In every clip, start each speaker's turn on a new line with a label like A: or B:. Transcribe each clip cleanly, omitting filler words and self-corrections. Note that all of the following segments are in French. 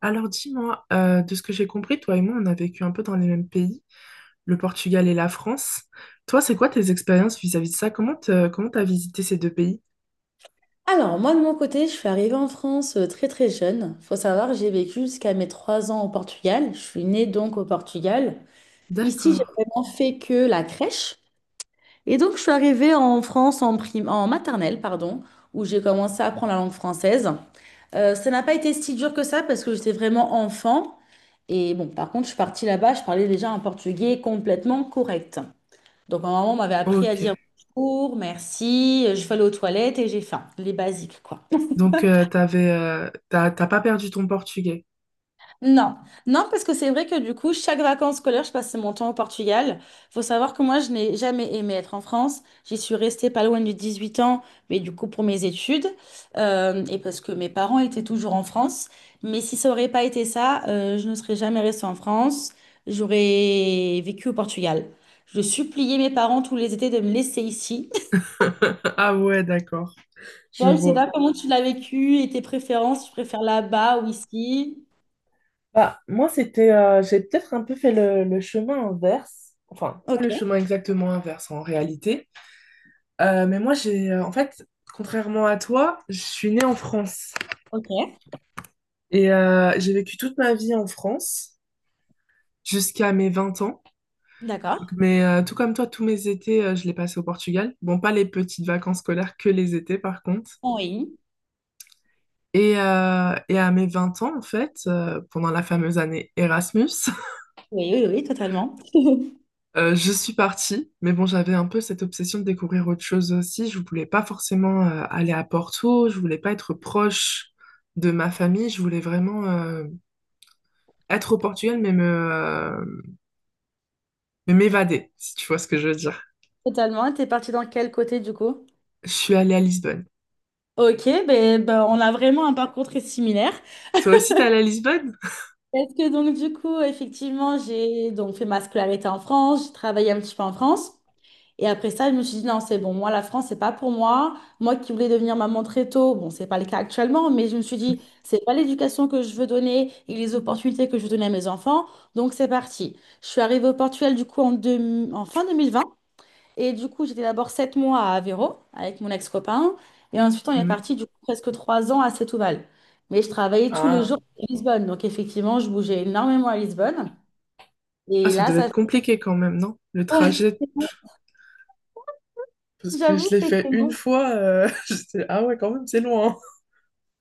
A: Alors dis-moi, de ce que j'ai compris, toi et moi, on a vécu un peu dans les mêmes pays, le Portugal et la France. Toi, c'est quoi tes expériences vis-à-vis de ça? Comment t'as visité ces deux pays?
B: Alors, moi, de mon côté, je suis arrivée en France très très jeune. Faut savoir que j'ai vécu jusqu'à mes 3 ans au Portugal. Je suis née donc au Portugal. Ici, j'ai
A: D'accord.
B: vraiment fait que la crèche. Et donc, je suis arrivée en France en prime, en maternelle, pardon, où j'ai commencé à apprendre la langue française. Ça n'a pas été si dur que ça parce que j'étais vraiment enfant. Et bon, par contre, je suis partie là-bas, je parlais déjà un portugais complètement correct. Donc, ma maman m'avait appris à dire
A: Ok.
B: bonjour, merci, je vais aller aux toilettes et j'ai faim. Les basiques, quoi.
A: Donc, t'as pas perdu ton portugais.
B: Non, non, parce que c'est vrai que du coup, chaque vacances scolaires, je passais mon temps au Portugal. Faut savoir que moi, je n'ai jamais aimé être en France. J'y suis restée pas loin de 8 ans, mais du coup, pour mes études, et parce que mes parents étaient toujours en France. Mais si ça aurait pas été ça, je ne serais jamais restée en France. J'aurais vécu au Portugal. Je suppliais mes parents tous les étés de me laisser ici.
A: Ah ouais, d'accord. Je
B: Toi, je sais
A: vois.
B: pas comment tu l'as vécu et tes préférences, tu préfères là-bas ou ici?
A: Bah, moi, c'était, j'ai peut-être un peu fait le chemin inverse. Enfin, pas
B: Ok,
A: le chemin exactement inverse en réalité. Mais moi, en fait, contrairement à toi, je suis née en France.
B: ok,
A: Et j'ai vécu toute ma vie en France jusqu'à mes 20 ans.
B: d'accord.
A: Mais, tout comme toi, tous mes étés, je les passais au Portugal. Bon, pas les petites vacances scolaires, que les étés par contre.
B: Oui.
A: Et à mes 20 ans, en fait, pendant la fameuse année Erasmus,
B: Oui, oui, oui, totalement.
A: je suis partie. Mais bon, j'avais un peu cette obsession de découvrir autre chose aussi. Je voulais pas forcément aller à Porto, je voulais pas être proche de ma famille, je voulais vraiment être au Portugal, mais m'évader, si tu vois ce que je veux dire.
B: Totalement. Et t'es parti dans quel côté du coup?
A: Je suis allée à Lisbonne.
B: Ok, ben, ben, on a vraiment un parcours très similaire.
A: Toi aussi, t'es allée à Lisbonne?
B: Parce que donc du coup, effectivement, j'ai donc fait ma scolarité en France, j'ai travaillé un petit peu en France. Et après ça, je me suis dit non, c'est bon, moi la France, c'est pas pour moi. Moi qui voulais devenir maman très tôt, bon, c'est pas le cas actuellement, mais je me suis dit, c'est pas l'éducation que je veux donner et les opportunités que je veux donner à mes enfants. Donc c'est parti. Je suis arrivée au Portugal du coup en fin 2020. Et du coup, j'étais d'abord 7 mois à Aveiro avec mon ex-copain. Et ensuite, on est
A: Mhm.
B: parti du coup presque 3 ans à Setúbal. Mais je travaillais tous les
A: Ah,
B: jours à Lisbonne. Donc effectivement, je bougeais énormément à Lisbonne.
A: ah,
B: Et
A: ça
B: là,
A: devait
B: ça
A: être
B: fait...
A: compliqué quand même, non? Le
B: Ouais,
A: trajet,
B: c'est long.
A: parce que
B: J'avoue
A: je l'ai
B: que
A: fait
B: c'est
A: une
B: long.
A: fois. Ah ouais, quand même, c'est loin.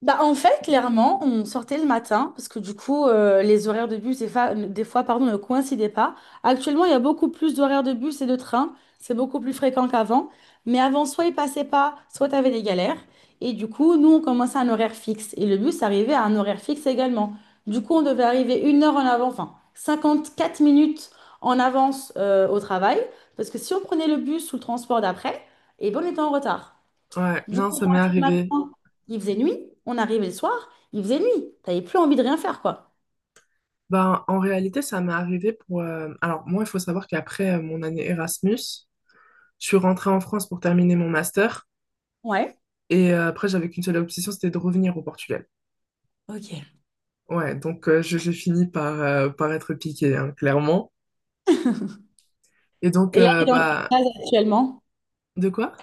B: Bah, en fait, clairement, on sortait le matin parce que du coup, les horaires de bus, des fois, pardon, ne coïncidaient pas. Actuellement, il y a beaucoup plus d'horaires de bus et de train. C'est beaucoup plus fréquent qu'avant. Mais avant, soit ils passaient pas, soit tu avais des galères. Et du coup, nous, on commençait à un horaire fixe. Et le bus arrivait à un horaire fixe également. Du coup, on devait arriver 1 heure en avant, enfin, 54 minutes en avance au travail. Parce que si on prenait le bus ou le transport d'après, et ben, on était en retard.
A: Ouais,
B: Du
A: non,
B: coup, on
A: ça m'est
B: partait le
A: arrivé.
B: matin, il faisait nuit. On arrivait le soir, il faisait nuit. T'avais plus envie de rien faire, quoi.
A: Ben, en réalité, ça m'est arrivé Alors, moi, il faut savoir qu'après mon année Erasmus, je suis rentrée en France pour terminer mon master.
B: Ouais.
A: Et après, j'avais qu'une seule obsession, c'était de revenir au Portugal.
B: Ok.
A: Ouais, donc, j'ai fini par être piquée, hein, clairement. Et donc,
B: Et là, t'es
A: euh,
B: dans
A: bah...
B: quelle phase actuellement?
A: De quoi?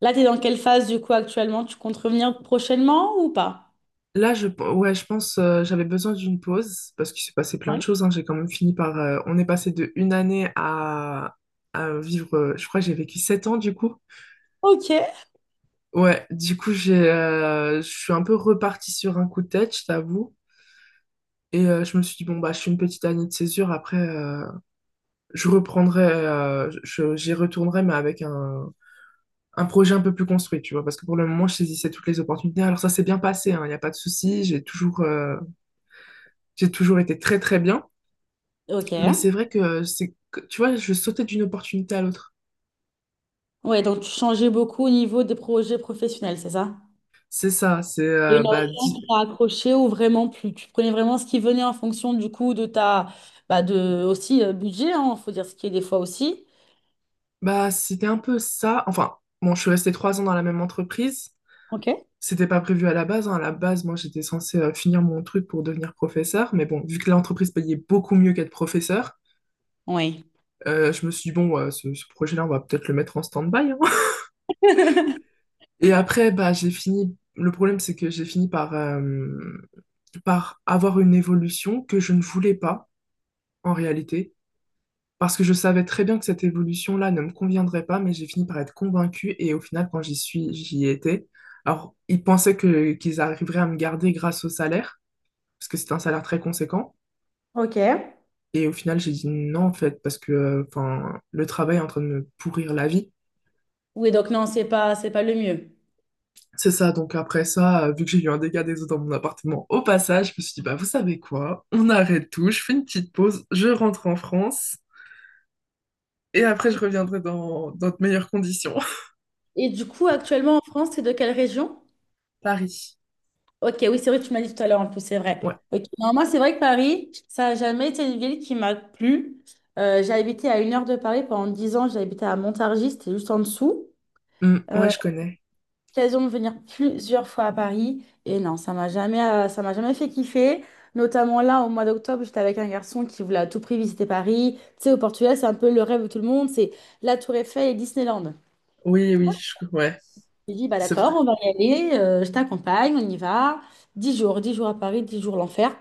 B: Là, t'es dans quelle phase, du coup, actuellement? Tu comptes revenir prochainement ou pas?
A: Là, ouais, je pense j'avais besoin d'une pause parce qu'il s'est passé plein
B: Ouais.
A: de choses. Hein. J'ai quand même fini par. On est passé de une année à vivre. Je crois que j'ai vécu 7 ans du coup.
B: Ok.
A: Ouais, du coup, je suis un peu repartie sur un coup de tête, je t'avoue. Et je me suis dit, bon, bah, je suis une petite année de césure. Après, j'y retournerai, mais avec un projet un peu plus construit, tu vois. Parce que pour le moment, je saisissais toutes les opportunités. Alors, ça s'est bien passé, hein. Il n'y a pas de souci. J'ai toujours été très, très bien.
B: Ok.
A: Mais c'est vrai que, tu vois, je sautais d'une opportunité à l'autre.
B: Ouais, donc tu changeais beaucoup au niveau des projets professionnels, c'est ça?
A: C'est ça, c'est
B: Et
A: euh,
B: une
A: bah,
B: option
A: di-
B: qui t'a accroché ou vraiment plus. Tu prenais vraiment ce qui venait en fonction du coup de ta bah de aussi budget, hein, faut dire ce qui est des fois aussi.
A: bah c'était un peu ça. Enfin, bon, je suis restée 3 ans dans la même entreprise.
B: Ok.
A: C'était pas prévu à la base. Hein. À la base, moi, j'étais censée finir mon truc pour devenir professeur. Mais bon, vu que l'entreprise payait beaucoup mieux qu'être professeur,
B: Oui.
A: je me suis dit, bon, ouais, ce projet-là, on va peut-être le mettre en stand-by. Hein. Et après, bah, j'ai fini. Le problème, c'est que j'ai fini par avoir une évolution que je ne voulais pas, en réalité. Parce que je savais très bien que cette évolution-là ne me conviendrait pas, mais j'ai fini par être convaincue et au final, quand j'y suis, j'y étais. Alors, ils pensaient qu'ils arriveraient à me garder grâce au salaire, parce que c'est un salaire très conséquent.
B: Ok.
A: Et au final, j'ai dit non, en fait, parce que, enfin, le travail est en train de me pourrir la vie.
B: Oui, donc non, c'est pas le mieux.
A: C'est ça, donc après ça, vu que j'ai eu un dégât des eaux dans mon appartement, au passage, je me suis dit, bah vous savez quoi, on arrête tout, je fais une petite pause, je rentre en France, et après je
B: Et,
A: reviendrai dans de meilleures conditions.
B: et du coup, actuellement en France, c'est de quelle région?
A: Paris.
B: Ok, oui, c'est vrai, tu m'as dit tout à l'heure en plus, c'est
A: Ouais.
B: vrai. Ok, non, moi, c'est vrai que Paris, ça n'a jamais été une ville qui m'a plu. J'ai habité à une heure de Paris pendant 10 ans, j'ai habité à Montargis, c'était juste en dessous.
A: Mm, ouais,
B: Euh,
A: je connais.
B: L'occasion de venir plusieurs fois à Paris, et non, ça m'a jamais fait kiffer. Notamment là, au mois d'octobre, j'étais avec un garçon qui voulait à tout prix visiter Paris. Tu sais, au Portugal, c'est un peu le rêve de tout le monde, c'est la Tour Eiffel et Disneyland.
A: Oui, oui, ouais,
B: J'ai dit, bah
A: c'est
B: d'accord,
A: vrai.
B: on va y aller, je t'accompagne, on y va. 10 jours, 10 jours à Paris, 10 jours l'enfer.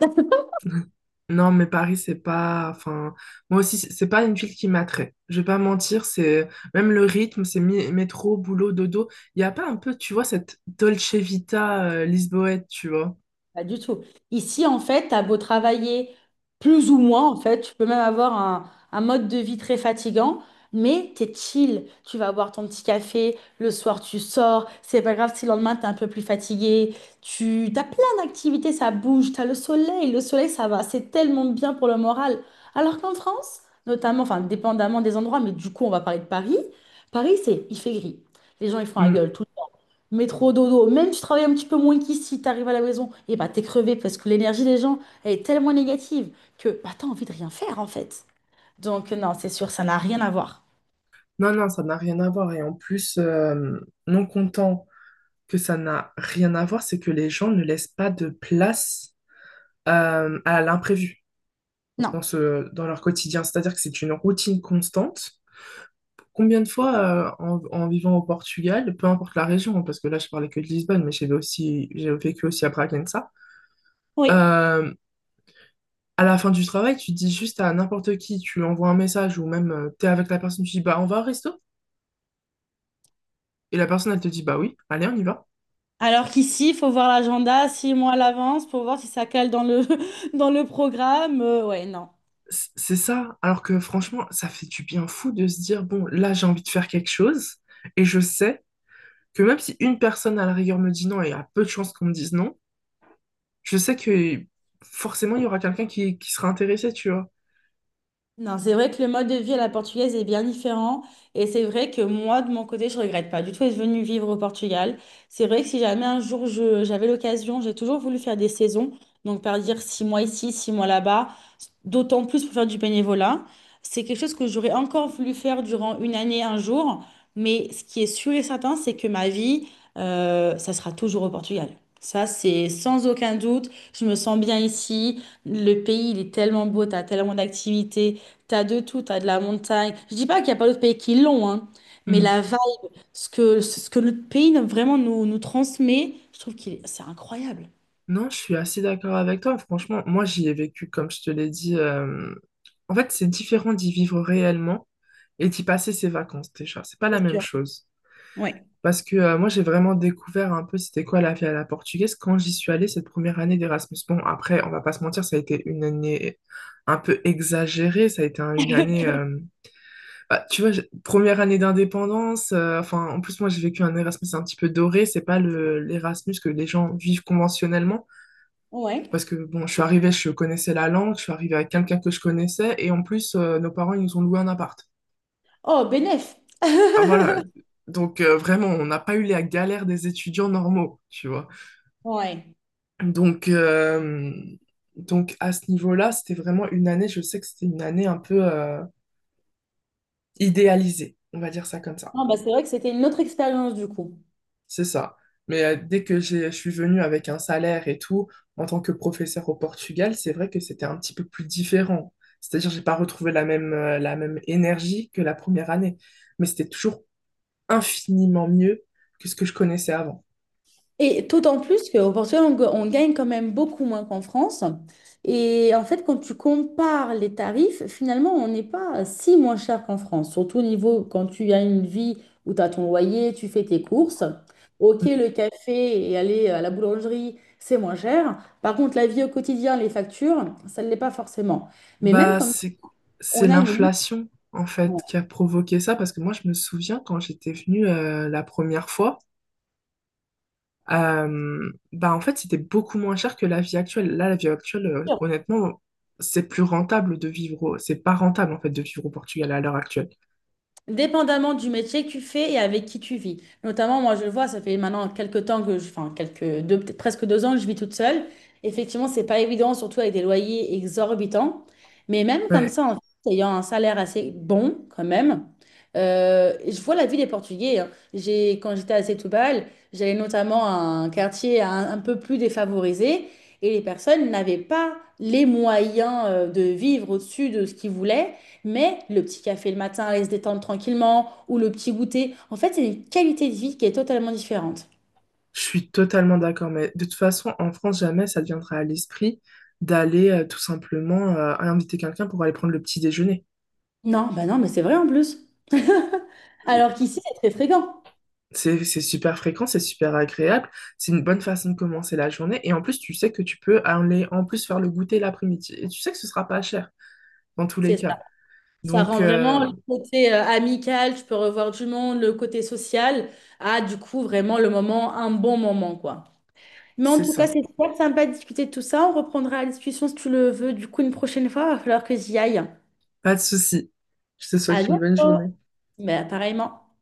A: Non, mais Paris, c'est pas. Enfin, moi aussi, c'est pas une ville qui m'attrait. Je vais pas mentir, c'est même le rythme, c'est métro, boulot, dodo. Il y a pas un peu, tu vois, cette Dolce Vita lisboète, tu vois.
B: Pas du tout. Ici, en fait, t'as beau travailler plus ou moins, en fait, tu peux même avoir un mode de vie très fatigant, mais t'es chill. Tu vas boire ton petit café, le soir tu sors, c'est pas grave si le lendemain t'es un peu plus fatigué. Tu t'as plein d'activités, ça bouge, t'as le soleil ça va, c'est tellement bien pour le moral. Alors qu'en France, notamment, enfin, dépendamment des endroits, mais du coup, on va parler de Paris. Paris, c'est il fait gris. Les gens ils font la
A: Mm.
B: gueule. Métro, dodo, même si tu travailles un petit peu moins qu'ici, t'arrives à la maison, et bah t'es crevé parce que l'énergie des gens, elle est tellement négative que bah t'as envie de rien faire en fait. Donc non, c'est sûr, ça n'a rien à voir.
A: Non, non, ça n'a rien à voir. Et en plus, non content que ça n'a rien à voir, c'est que les gens ne laissent pas de place à l'imprévu
B: Non.
A: dans dans leur quotidien. C'est-à-dire que c'est une routine constante. Combien de fois, en vivant au Portugal, peu importe la région, hein, parce que là, je parlais que de Lisbonne, mais j'ai vécu aussi à Bragança,
B: Oui.
A: euh, à la fin du travail, tu dis juste à n'importe qui, tu envoies un message ou même tu t'es avec la personne, tu dis, bah, on va au resto? Et la personne, elle te dit, bah oui, allez, on y va.
B: Alors qu'ici, il faut voir l'agenda six mois à l'avance pour voir si ça cale dans le, dans le programme. Ouais, non.
A: C'est ça. Alors que franchement, ça fait du bien fou de se dire, bon, là, j'ai envie de faire quelque chose et je sais que même si une personne à la rigueur me dit non et a peu de chances qu'on me dise non, je sais que forcément, il y aura quelqu'un qui sera intéressé, tu vois.
B: Non, c'est vrai que le mode de vie à la portugaise est bien différent. Et c'est vrai que moi, de mon côté, je regrette pas du tout être venue vivre au Portugal. C'est vrai que si jamais un jour j'avais l'occasion, j'ai toujours voulu faire des saisons. Donc, par dire 6 mois ici, 6 mois là-bas, d'autant plus pour faire du bénévolat. C'est quelque chose que j'aurais encore voulu faire durant une année, un jour. Mais ce qui est sûr et certain, c'est que ma vie, ça sera toujours au Portugal. Ça, c'est sans aucun doute. Je me sens bien ici. Le pays, il est tellement beau, tu as tellement d'activités. T'as de tout, t'as de la montagne. Je dis pas qu'il n'y a pas d'autres pays qui l'ont, hein, mais
A: Hmm.
B: la vibe, ce que notre pays vraiment nous transmet, je trouve que c'est incroyable.
A: Non, je suis assez d'accord avec toi. Franchement, moi, j'y ai vécu, comme je te l'ai dit. En fait, c'est différent d'y vivre réellement et d'y passer ses vacances déjà. C'est pas la
B: C'est
A: même
B: sûr.
A: chose.
B: Oui.
A: Parce que, moi, j'ai vraiment découvert un peu c'était quoi la vie à la portugaise quand j'y suis allée cette première année d'Erasmus. Bon, après, on va pas se mentir, ça a été une année un peu exagérée. Ça a été une année. Bah, tu vois, première année d'indépendance. Enfin, en plus, moi, j'ai vécu un Erasmus un petit peu doré. C'est pas le l'Erasmus que les gens vivent conventionnellement.
B: Ouais.
A: Parce que bon, je suis arrivée, je connaissais la langue, je suis arrivée avec quelqu'un que je connaissais, et en plus, nos parents, ils nous ont loué un appart.
B: Oh, bénef!
A: Ah voilà. Donc, vraiment, on n'a pas eu la galère des étudiants normaux, tu vois.
B: Ouais.
A: Donc, euh, donc, à ce niveau-là, c'était vraiment une année, je sais que c'était une année un peu idéalisée, on va dire ça comme ça.
B: Non, bah, c'est vrai que c'était une autre expérience du coup.
A: C'est ça. Mais, dès que je suis venue avec un salaire et tout, en tant que professeur au Portugal, c'est vrai que c'était un petit peu plus différent. C'est-à-dire, j'ai pas retrouvé la même énergie que la première année. Mais c'était toujours infiniment mieux que ce que je connaissais avant.
B: Et d'autant plus qu'au Portugal, on gagne quand même beaucoup moins qu'en France. Et en fait, quand tu compares les tarifs, finalement, on n'est pas si moins cher qu'en France. Surtout au niveau, quand tu as une vie où tu as ton loyer, tu fais tes courses. Ok,
A: Mm.
B: le café et aller à la boulangerie, c'est moins cher. Par contre, la vie au quotidien, les factures, ça ne l'est pas forcément. Mais même
A: Bah,
B: comme ça,
A: c'est
B: on a une...
A: l'inflation, en fait, qui a provoqué ça. Parce que moi, je me souviens quand j'étais venue, la première fois, Bah en fait, c'était beaucoup moins cher que la vie actuelle. Là, la vie actuelle, honnêtement, c'est plus rentable de C'est pas rentable, en fait, de vivre au Portugal à l'heure actuelle.
B: Dépendamment du métier que tu fais et avec qui tu vis. Notamment, moi, je le vois, ça fait maintenant quelques temps que je, enfin, quelques deux, peut-être presque 2 ans que je vis toute seule. Effectivement, c'est pas évident, surtout avec des loyers exorbitants. Mais même comme
A: Ouais,
B: ça, en fait, ayant un salaire assez bon, quand même, je vois la vie des Portugais, hein. J'ai, quand j'étais à Setúbal, j'allais notamment à un quartier un peu plus défavorisé et les personnes n'avaient pas les moyens de vivre au-dessus de ce qu'ils voulaient. Mais le petit café le matin, aller se détendre tranquillement, ou le petit goûter, en fait, c'est une qualité de vie qui est totalement différente.
A: je suis totalement d'accord. Mais de toute façon, en France, jamais ça deviendra à l'esprit d'aller tout simplement inviter quelqu'un pour aller prendre le petit déjeuner.
B: Non, bah non, mais c'est vrai en plus. Alors qu'ici, c'est très fréquent.
A: C'est super fréquent, c'est super agréable, c'est une bonne façon de commencer la journée. Et en plus, tu sais que tu peux aller en plus faire le goûter l'après-midi. Et tu sais que ce sera pas cher, dans tous les
B: C'est ça.
A: cas.
B: Ça
A: Donc,
B: rend vraiment
A: euh,
B: le côté amical, tu peux revoir du monde, le côté social, à du coup vraiment le moment, un bon moment, quoi. Mais en
A: c'est
B: tout cas,
A: ça.
B: c'est super sympa de discuter de tout ça. On reprendra la discussion si tu le veux. Du coup, une prochaine fois, il va falloir que j'y aille.
A: Pas de souci. Je te
B: À
A: souhaite une bonne
B: bientôt.
A: journée.
B: Mais pareillement.